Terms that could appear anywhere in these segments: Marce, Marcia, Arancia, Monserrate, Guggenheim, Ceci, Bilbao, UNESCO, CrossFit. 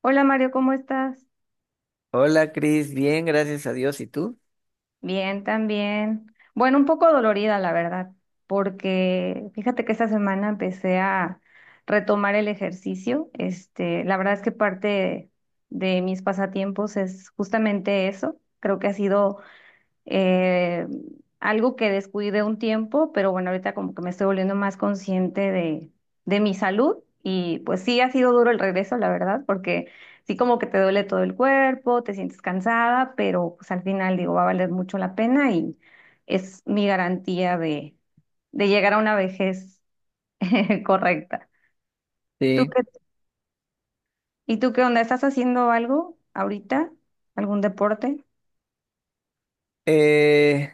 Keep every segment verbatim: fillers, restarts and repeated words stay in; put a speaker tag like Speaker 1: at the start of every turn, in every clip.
Speaker 1: Hola Mario, ¿cómo estás?
Speaker 2: Hola Cris, bien, gracias a Dios. ¿Y tú?
Speaker 1: Bien, también. Bueno, un poco dolorida, la verdad, porque fíjate que esta semana empecé a retomar el ejercicio. Este, la verdad es que parte de, mis pasatiempos es justamente eso. Creo que ha sido eh, algo que descuidé un tiempo, pero bueno, ahorita como que me estoy volviendo más consciente de, de, mi salud y pues sí ha sido duro el regreso, la verdad, porque sí como que te duele todo el cuerpo, te sientes cansada, pero pues al final digo, va a valer mucho la pena y es mi garantía de, de llegar a una vejez correcta. ¿Tú
Speaker 2: Sí.
Speaker 1: qué, ¿Y tú qué onda? ¿Estás haciendo algo ahorita? ¿Algún deporte?
Speaker 2: Eh,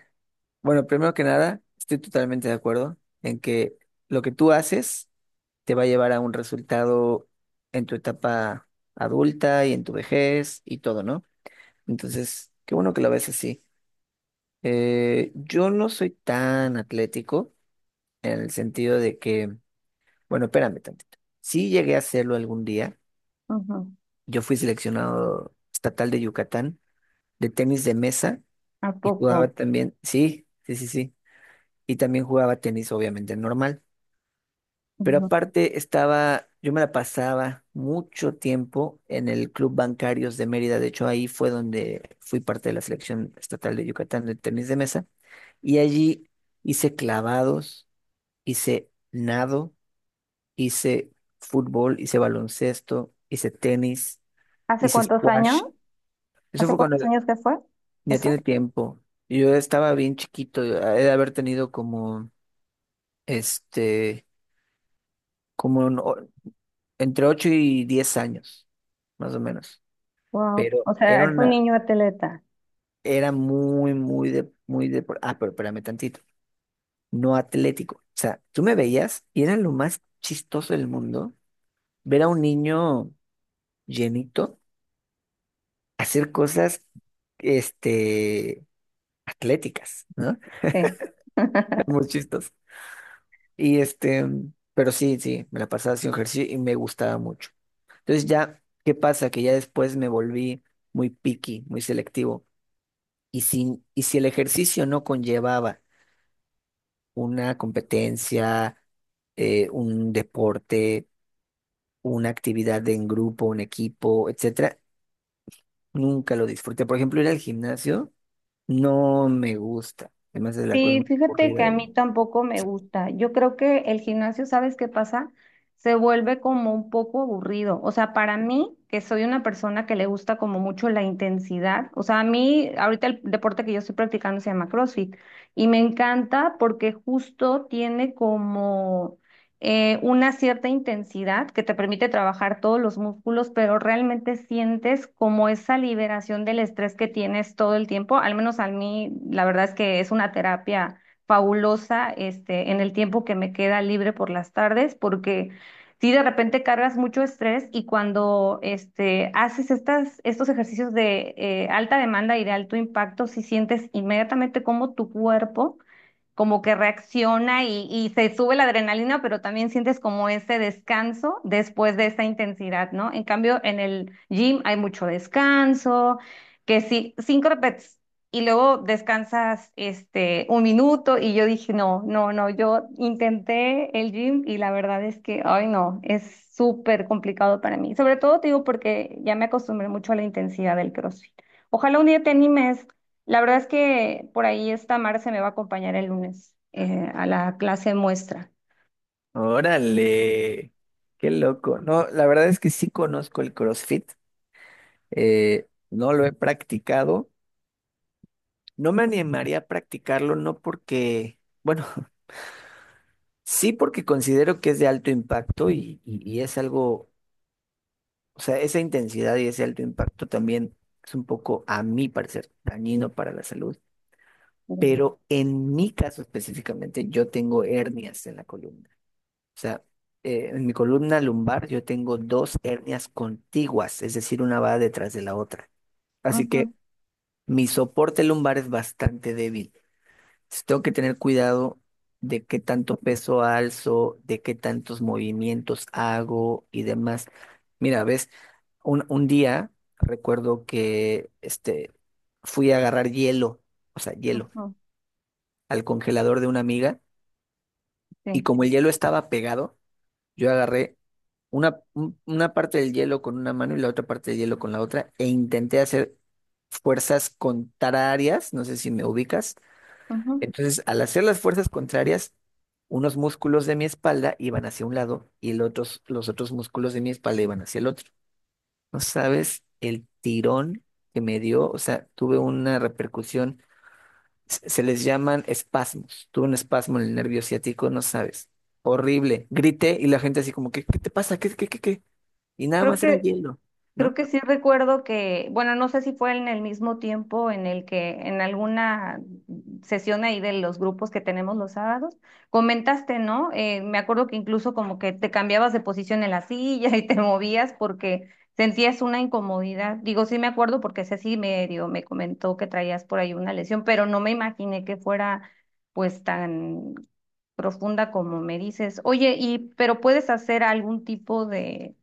Speaker 2: bueno, primero que nada, estoy totalmente de acuerdo en que lo que tú haces te va a llevar a un resultado en tu etapa adulta y en tu vejez y todo, ¿no? Entonces, qué bueno que lo ves así. Eh, yo no soy tan atlético en el sentido de que, bueno, espérame tantito. Sí llegué a hacerlo algún día.
Speaker 1: Ujú.
Speaker 2: Yo fui seleccionado estatal de Yucatán de tenis de mesa.
Speaker 1: ¿A
Speaker 2: Y jugaba
Speaker 1: poco?
Speaker 2: también, sí, sí, sí, sí. Y también jugaba tenis, obviamente, normal. Pero
Speaker 1: Ujú.
Speaker 2: aparte estaba, yo me la pasaba mucho tiempo en el Club Bancarios de Mérida. De hecho, ahí fue donde fui parte de la selección estatal de Yucatán de tenis de mesa. Y allí hice clavados, hice nado, hice fútbol, hice baloncesto, hice tenis,
Speaker 1: ¿Hace
Speaker 2: hice
Speaker 1: cuántos años?
Speaker 2: squash. Eso
Speaker 1: ¿Hace
Speaker 2: fue cuando
Speaker 1: cuántos años que fue
Speaker 2: ya tiene
Speaker 1: eso?
Speaker 2: tiempo. Yo estaba bien chiquito, he de haber tenido como este, como en o- entre ocho y diez años, más o menos.
Speaker 1: Wow.
Speaker 2: Pero
Speaker 1: O sea,
Speaker 2: era
Speaker 1: es un
Speaker 2: una,
Speaker 1: niño atleta.
Speaker 2: era muy, muy de, muy de, ah, pero espérame tantito, no atlético. O sea, tú me veías y era lo más chistoso del mundo ver a un niño llenito hacer cosas, este, atléticas, ¿no?
Speaker 1: Sí.
Speaker 2: Muy chistoso. Y este, pero sí, sí, me la pasaba haciendo ejercicio y me gustaba mucho. Entonces ya, ¿qué pasa? Que ya después me volví muy picky, muy selectivo. Y si, y si el ejercicio no conllevaba una competencia, eh, un deporte, una actividad en grupo, un equipo, etcétera, nunca lo disfruté. Por ejemplo, ir al gimnasio no me gusta. Además es la cosa
Speaker 1: Sí,
Speaker 2: más
Speaker 1: fíjate
Speaker 2: aburrida
Speaker 1: que a
Speaker 2: del mundo.
Speaker 1: mí tampoco me gusta. Yo creo que el gimnasio, ¿sabes qué pasa? Se vuelve como un poco aburrido. O sea, para mí, que soy una persona que le gusta como mucho la intensidad. O sea, a mí, ahorita el deporte que yo estoy practicando se llama CrossFit y me encanta porque justo tiene como... eh, una cierta intensidad que te permite trabajar todos los músculos, pero realmente sientes como esa liberación del estrés que tienes todo el tiempo. Al menos a mí, la verdad es que es una terapia fabulosa, este, en el tiempo que me queda libre por las tardes, porque si de repente cargas mucho estrés y cuando este, haces estas, estos ejercicios de eh, alta demanda y de alto impacto, si sientes inmediatamente cómo tu cuerpo como que reacciona y, y se sube la adrenalina, pero también sientes como ese descanso después de esa intensidad, ¿no? En cambio, en el gym hay mucho descanso, que sí, cinco reps y luego descansas este un minuto y yo dije, no, no, no, yo intenté el gym y la verdad es que, ay, no, es súper complicado para mí. Sobre todo te digo porque ya me acostumbré mucho a la intensidad del CrossFit. Ojalá un día te animes. La verdad es que por ahí esta Marce me va a acompañar el lunes eh, a la clase muestra.
Speaker 2: Órale, qué loco. No, la verdad es que sí conozco el CrossFit. Eh, no lo he practicado. No me animaría a practicarlo, no porque, bueno, sí porque considero que es de alto impacto y, y- y es algo, o sea, esa intensidad y ese alto impacto también es un poco, a mi parecer, dañino para la salud.
Speaker 1: Ujú,
Speaker 2: Pero en mi caso específicamente, yo tengo hernias en la columna. O sea, eh, en mi columna lumbar yo tengo dos hernias contiguas, es decir, una va detrás de la otra. Así que mi soporte lumbar es bastante débil. Sí, tengo que tener cuidado de qué tanto peso alzo, de qué tantos movimientos hago y demás. Mira, ves, un, un día recuerdo que este, fui a agarrar hielo, o sea, hielo,
Speaker 1: ujú,
Speaker 2: al congelador de una amiga,
Speaker 1: sí,
Speaker 2: y como el hielo estaba pegado, yo agarré una, un- una parte del hielo con una mano y la otra parte del hielo con la otra, e intenté hacer fuerzas contrarias, no sé si me ubicas.
Speaker 1: ujú.
Speaker 2: Entonces, al hacer las fuerzas contrarias, unos músculos de mi espalda iban hacia un lado y el otros- los otros músculos de mi espalda iban hacia el otro. No sabes el tirón que me dio, o sea, tuve una repercusión, se se les llaman espasmos, tuve un espasmo en el nervio ciático, no sabes, horrible. Grité y la gente así como, ¿qué, qué te pasa? ¿Qué, qué, qué, qué? Y nada
Speaker 1: Creo
Speaker 2: más era
Speaker 1: que
Speaker 2: hielo,
Speaker 1: Creo
Speaker 2: ¿no?
Speaker 1: que sí recuerdo que, bueno, no sé si fue en el mismo tiempo en el que en alguna sesión ahí de los grupos que tenemos los sábados, comentaste, ¿no? Eh, me acuerdo que incluso como que te cambiabas de posición en la silla y te movías porque sentías una incomodidad. Digo, sí me acuerdo porque Ceci medio me comentó que traías por ahí una lesión, pero no me imaginé que fuera pues tan profunda como me dices. Oye, y pero puedes hacer algún tipo de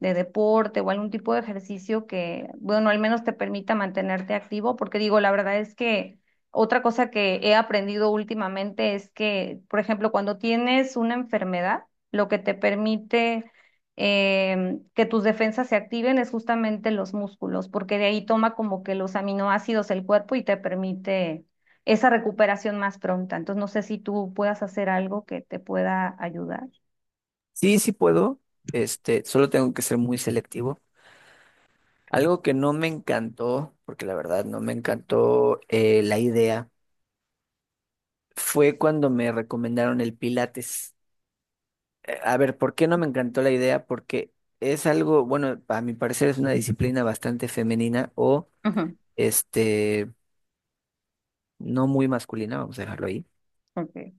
Speaker 1: de deporte o algún tipo de ejercicio que, bueno, al menos te permita mantenerte activo, porque digo, la verdad es que otra cosa que he aprendido últimamente es que, por ejemplo, cuando tienes una enfermedad, lo que te permite em, que tus defensas se activen es justamente los músculos, porque de ahí toma como que los aminoácidos el cuerpo y te permite esa recuperación más pronta. Entonces, no sé si tú puedas hacer algo que te pueda ayudar.
Speaker 2: Sí, sí puedo, este, solo tengo que ser muy selectivo. Algo que no me encantó, porque la verdad no me encantó eh, la idea, fue cuando me recomendaron el Pilates. Eh, a ver, ¿por qué no me encantó la idea? Porque es algo, bueno, a mi parecer es una disciplina bastante femenina o
Speaker 1: Ujú,
Speaker 2: este, no muy masculina, vamos a dejarlo ahí.
Speaker 1: ok.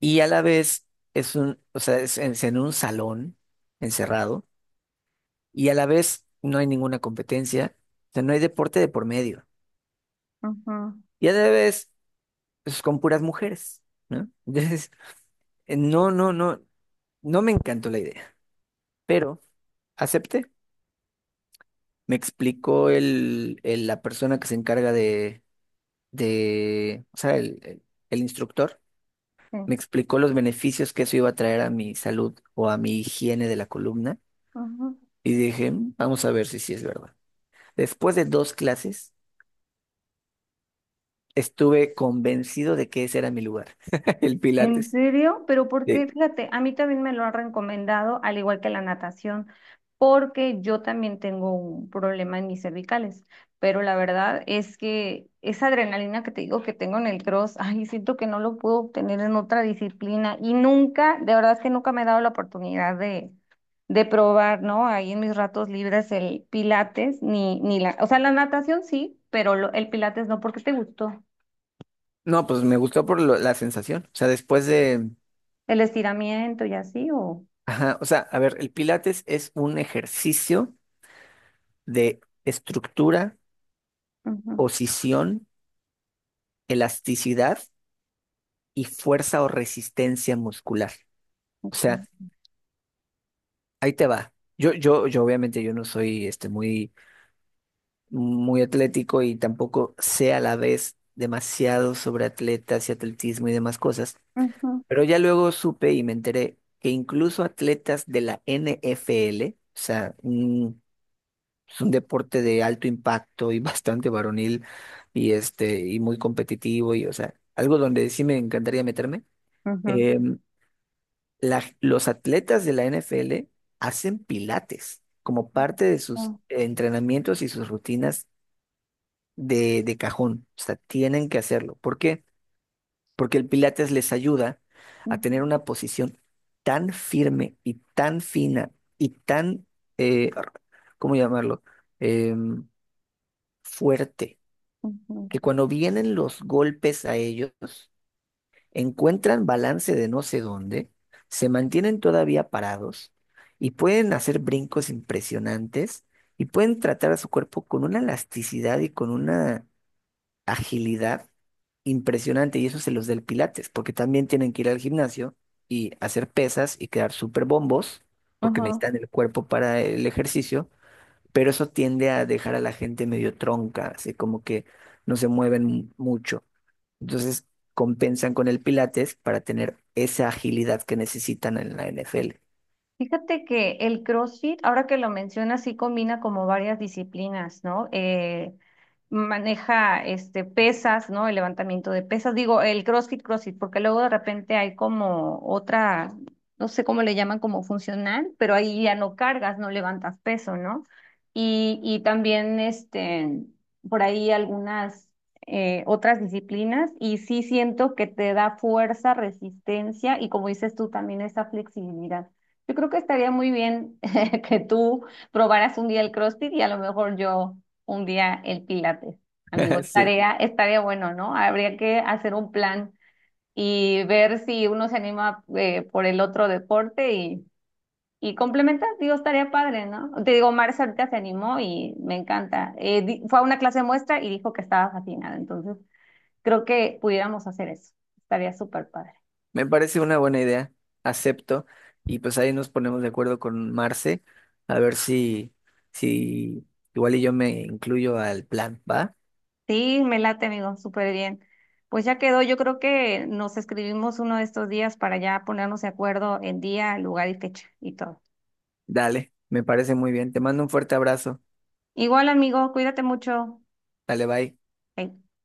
Speaker 2: Y a la vez es un, o sea, es en es en un salón encerrado, y a la vez no hay ninguna competencia, o sea, no hay deporte de por medio.
Speaker 1: Ujú,
Speaker 2: Y a la vez, pues con puras mujeres. ¿No? Eh, No, no, no, no me encantó la idea, pero acepté. Me explicó el, el- la persona que se encarga de, de, o sea, el, el- el instructor, me
Speaker 1: sí.
Speaker 2: explicó los beneficios que eso iba a traer a mi salud o a mi higiene de la columna,
Speaker 1: Ajá.
Speaker 2: y dije, "Mm, vamos a ver si sí es verdad. Después de dos clases, estuve convencido de que ese era mi lugar, el
Speaker 1: ¿En
Speaker 2: Pilates.
Speaker 1: serio? Pero porque,
Speaker 2: Sí.
Speaker 1: fíjate, a mí también me lo han recomendado, al igual que la natación, porque yo también tengo un problema en mis cervicales. Pero la verdad es que esa adrenalina que te digo que tengo en el cross, ay, siento que no lo puedo obtener en otra disciplina. Y nunca, de verdad es que nunca me he dado la oportunidad de, de probar, ¿no? Ahí en mis ratos libres el pilates, ni, ni la, o sea, la natación sí, pero lo- el pilates no, ¿porque te gustó?
Speaker 2: No, pues me gustó por lo- la sensación. O sea, después de,
Speaker 1: ¿El estiramiento y así o...?
Speaker 2: ajá, o sea, a ver, el Pilates es un ejercicio de estructura,
Speaker 1: Ujú,
Speaker 2: posición, elasticidad y fuerza o resistencia muscular. O sea,
Speaker 1: ok.
Speaker 2: ahí te va. Yo, yo, yo obviamente yo no soy este, muy, muy atlético, y tampoco sé a la vez demasiado sobre atletas y atletismo y demás cosas,
Speaker 1: Ujú,
Speaker 2: pero ya luego supe y me enteré que incluso atletas de la N F L, o sea, un Es un deporte de alto impacto y bastante varonil y este y muy competitivo, y o sea, algo donde sí me encantaría meterme.
Speaker 1: ujú,
Speaker 2: Eh, la- los atletas de la N F L hacen pilates como parte de sus
Speaker 1: ujú,
Speaker 2: entrenamientos y sus rutinas de, de cajón. O sea, tienen que hacerlo. ¿Por qué? Porque el pilates les ayuda a
Speaker 1: ujú,
Speaker 2: tener una posición tan firme y tan fina y tan, eh, ¿cómo llamarlo? Em, Fuerte,
Speaker 1: ujú,
Speaker 2: que cuando vienen los golpes a ellos, encuentran balance de no sé dónde, se mantienen todavía parados y pueden hacer brincos impresionantes y pueden tratar a su cuerpo con una elasticidad y con una agilidad impresionante. Y eso se los da el Pilates, porque también tienen que ir al gimnasio y hacer pesas y quedar súper bombos, porque
Speaker 1: ujú.
Speaker 2: necesitan el cuerpo para el ejercicio, pero eso tiende a dejar a la gente medio tronca, así como que no se mueven mucho. Entonces compensan con el Pilates para tener esa agilidad que necesitan en la N F L.
Speaker 1: Fíjate que el CrossFit, ahora que lo mencionas, sí combina como varias disciplinas, ¿no? Eh, maneja este pesas, ¿no? El levantamiento de pesas. Digo, el CrossFit, CrossFit, porque luego de repente hay como otra, no sé cómo le llaman, como funcional, pero ahí ya no cargas, no levantas peso, ¿no? Y, y también este, por ahí algunas eh, otras disciplinas, y sí siento que te da fuerza, resistencia y como dices tú, también esa flexibilidad. Yo creo que estaría muy bien que tú probaras un día el CrossFit y a lo mejor yo un día el Pilates. Amigo,
Speaker 2: Sí,
Speaker 1: estaría, estaría bueno, ¿no? Habría que hacer un plan y ver si uno se anima eh, por el otro deporte y, y complementar. Digo, estaría padre, ¿no? Te digo, Marcia ahorita se animó y me encanta. Eh, di- fue a una clase de muestra y dijo que estaba fascinada. Entonces, creo que pudiéramos hacer eso. Estaría súper padre.
Speaker 2: me parece una buena idea, acepto. Y pues ahí nos ponemos de acuerdo con Marce, a ver si, si igual y yo me incluyo al plan, ¿va?
Speaker 1: Sí, me late, amigo, súper bien. Pues ya quedó, yo creo que nos escribimos uno de estos días para ya ponernos de acuerdo en día, lugar y fecha y todo.
Speaker 2: Dale, me parece muy bien. Te mando un fuerte abrazo.
Speaker 1: Igual, amigo, cuídate mucho.
Speaker 2: Dale, bye.
Speaker 1: Bye.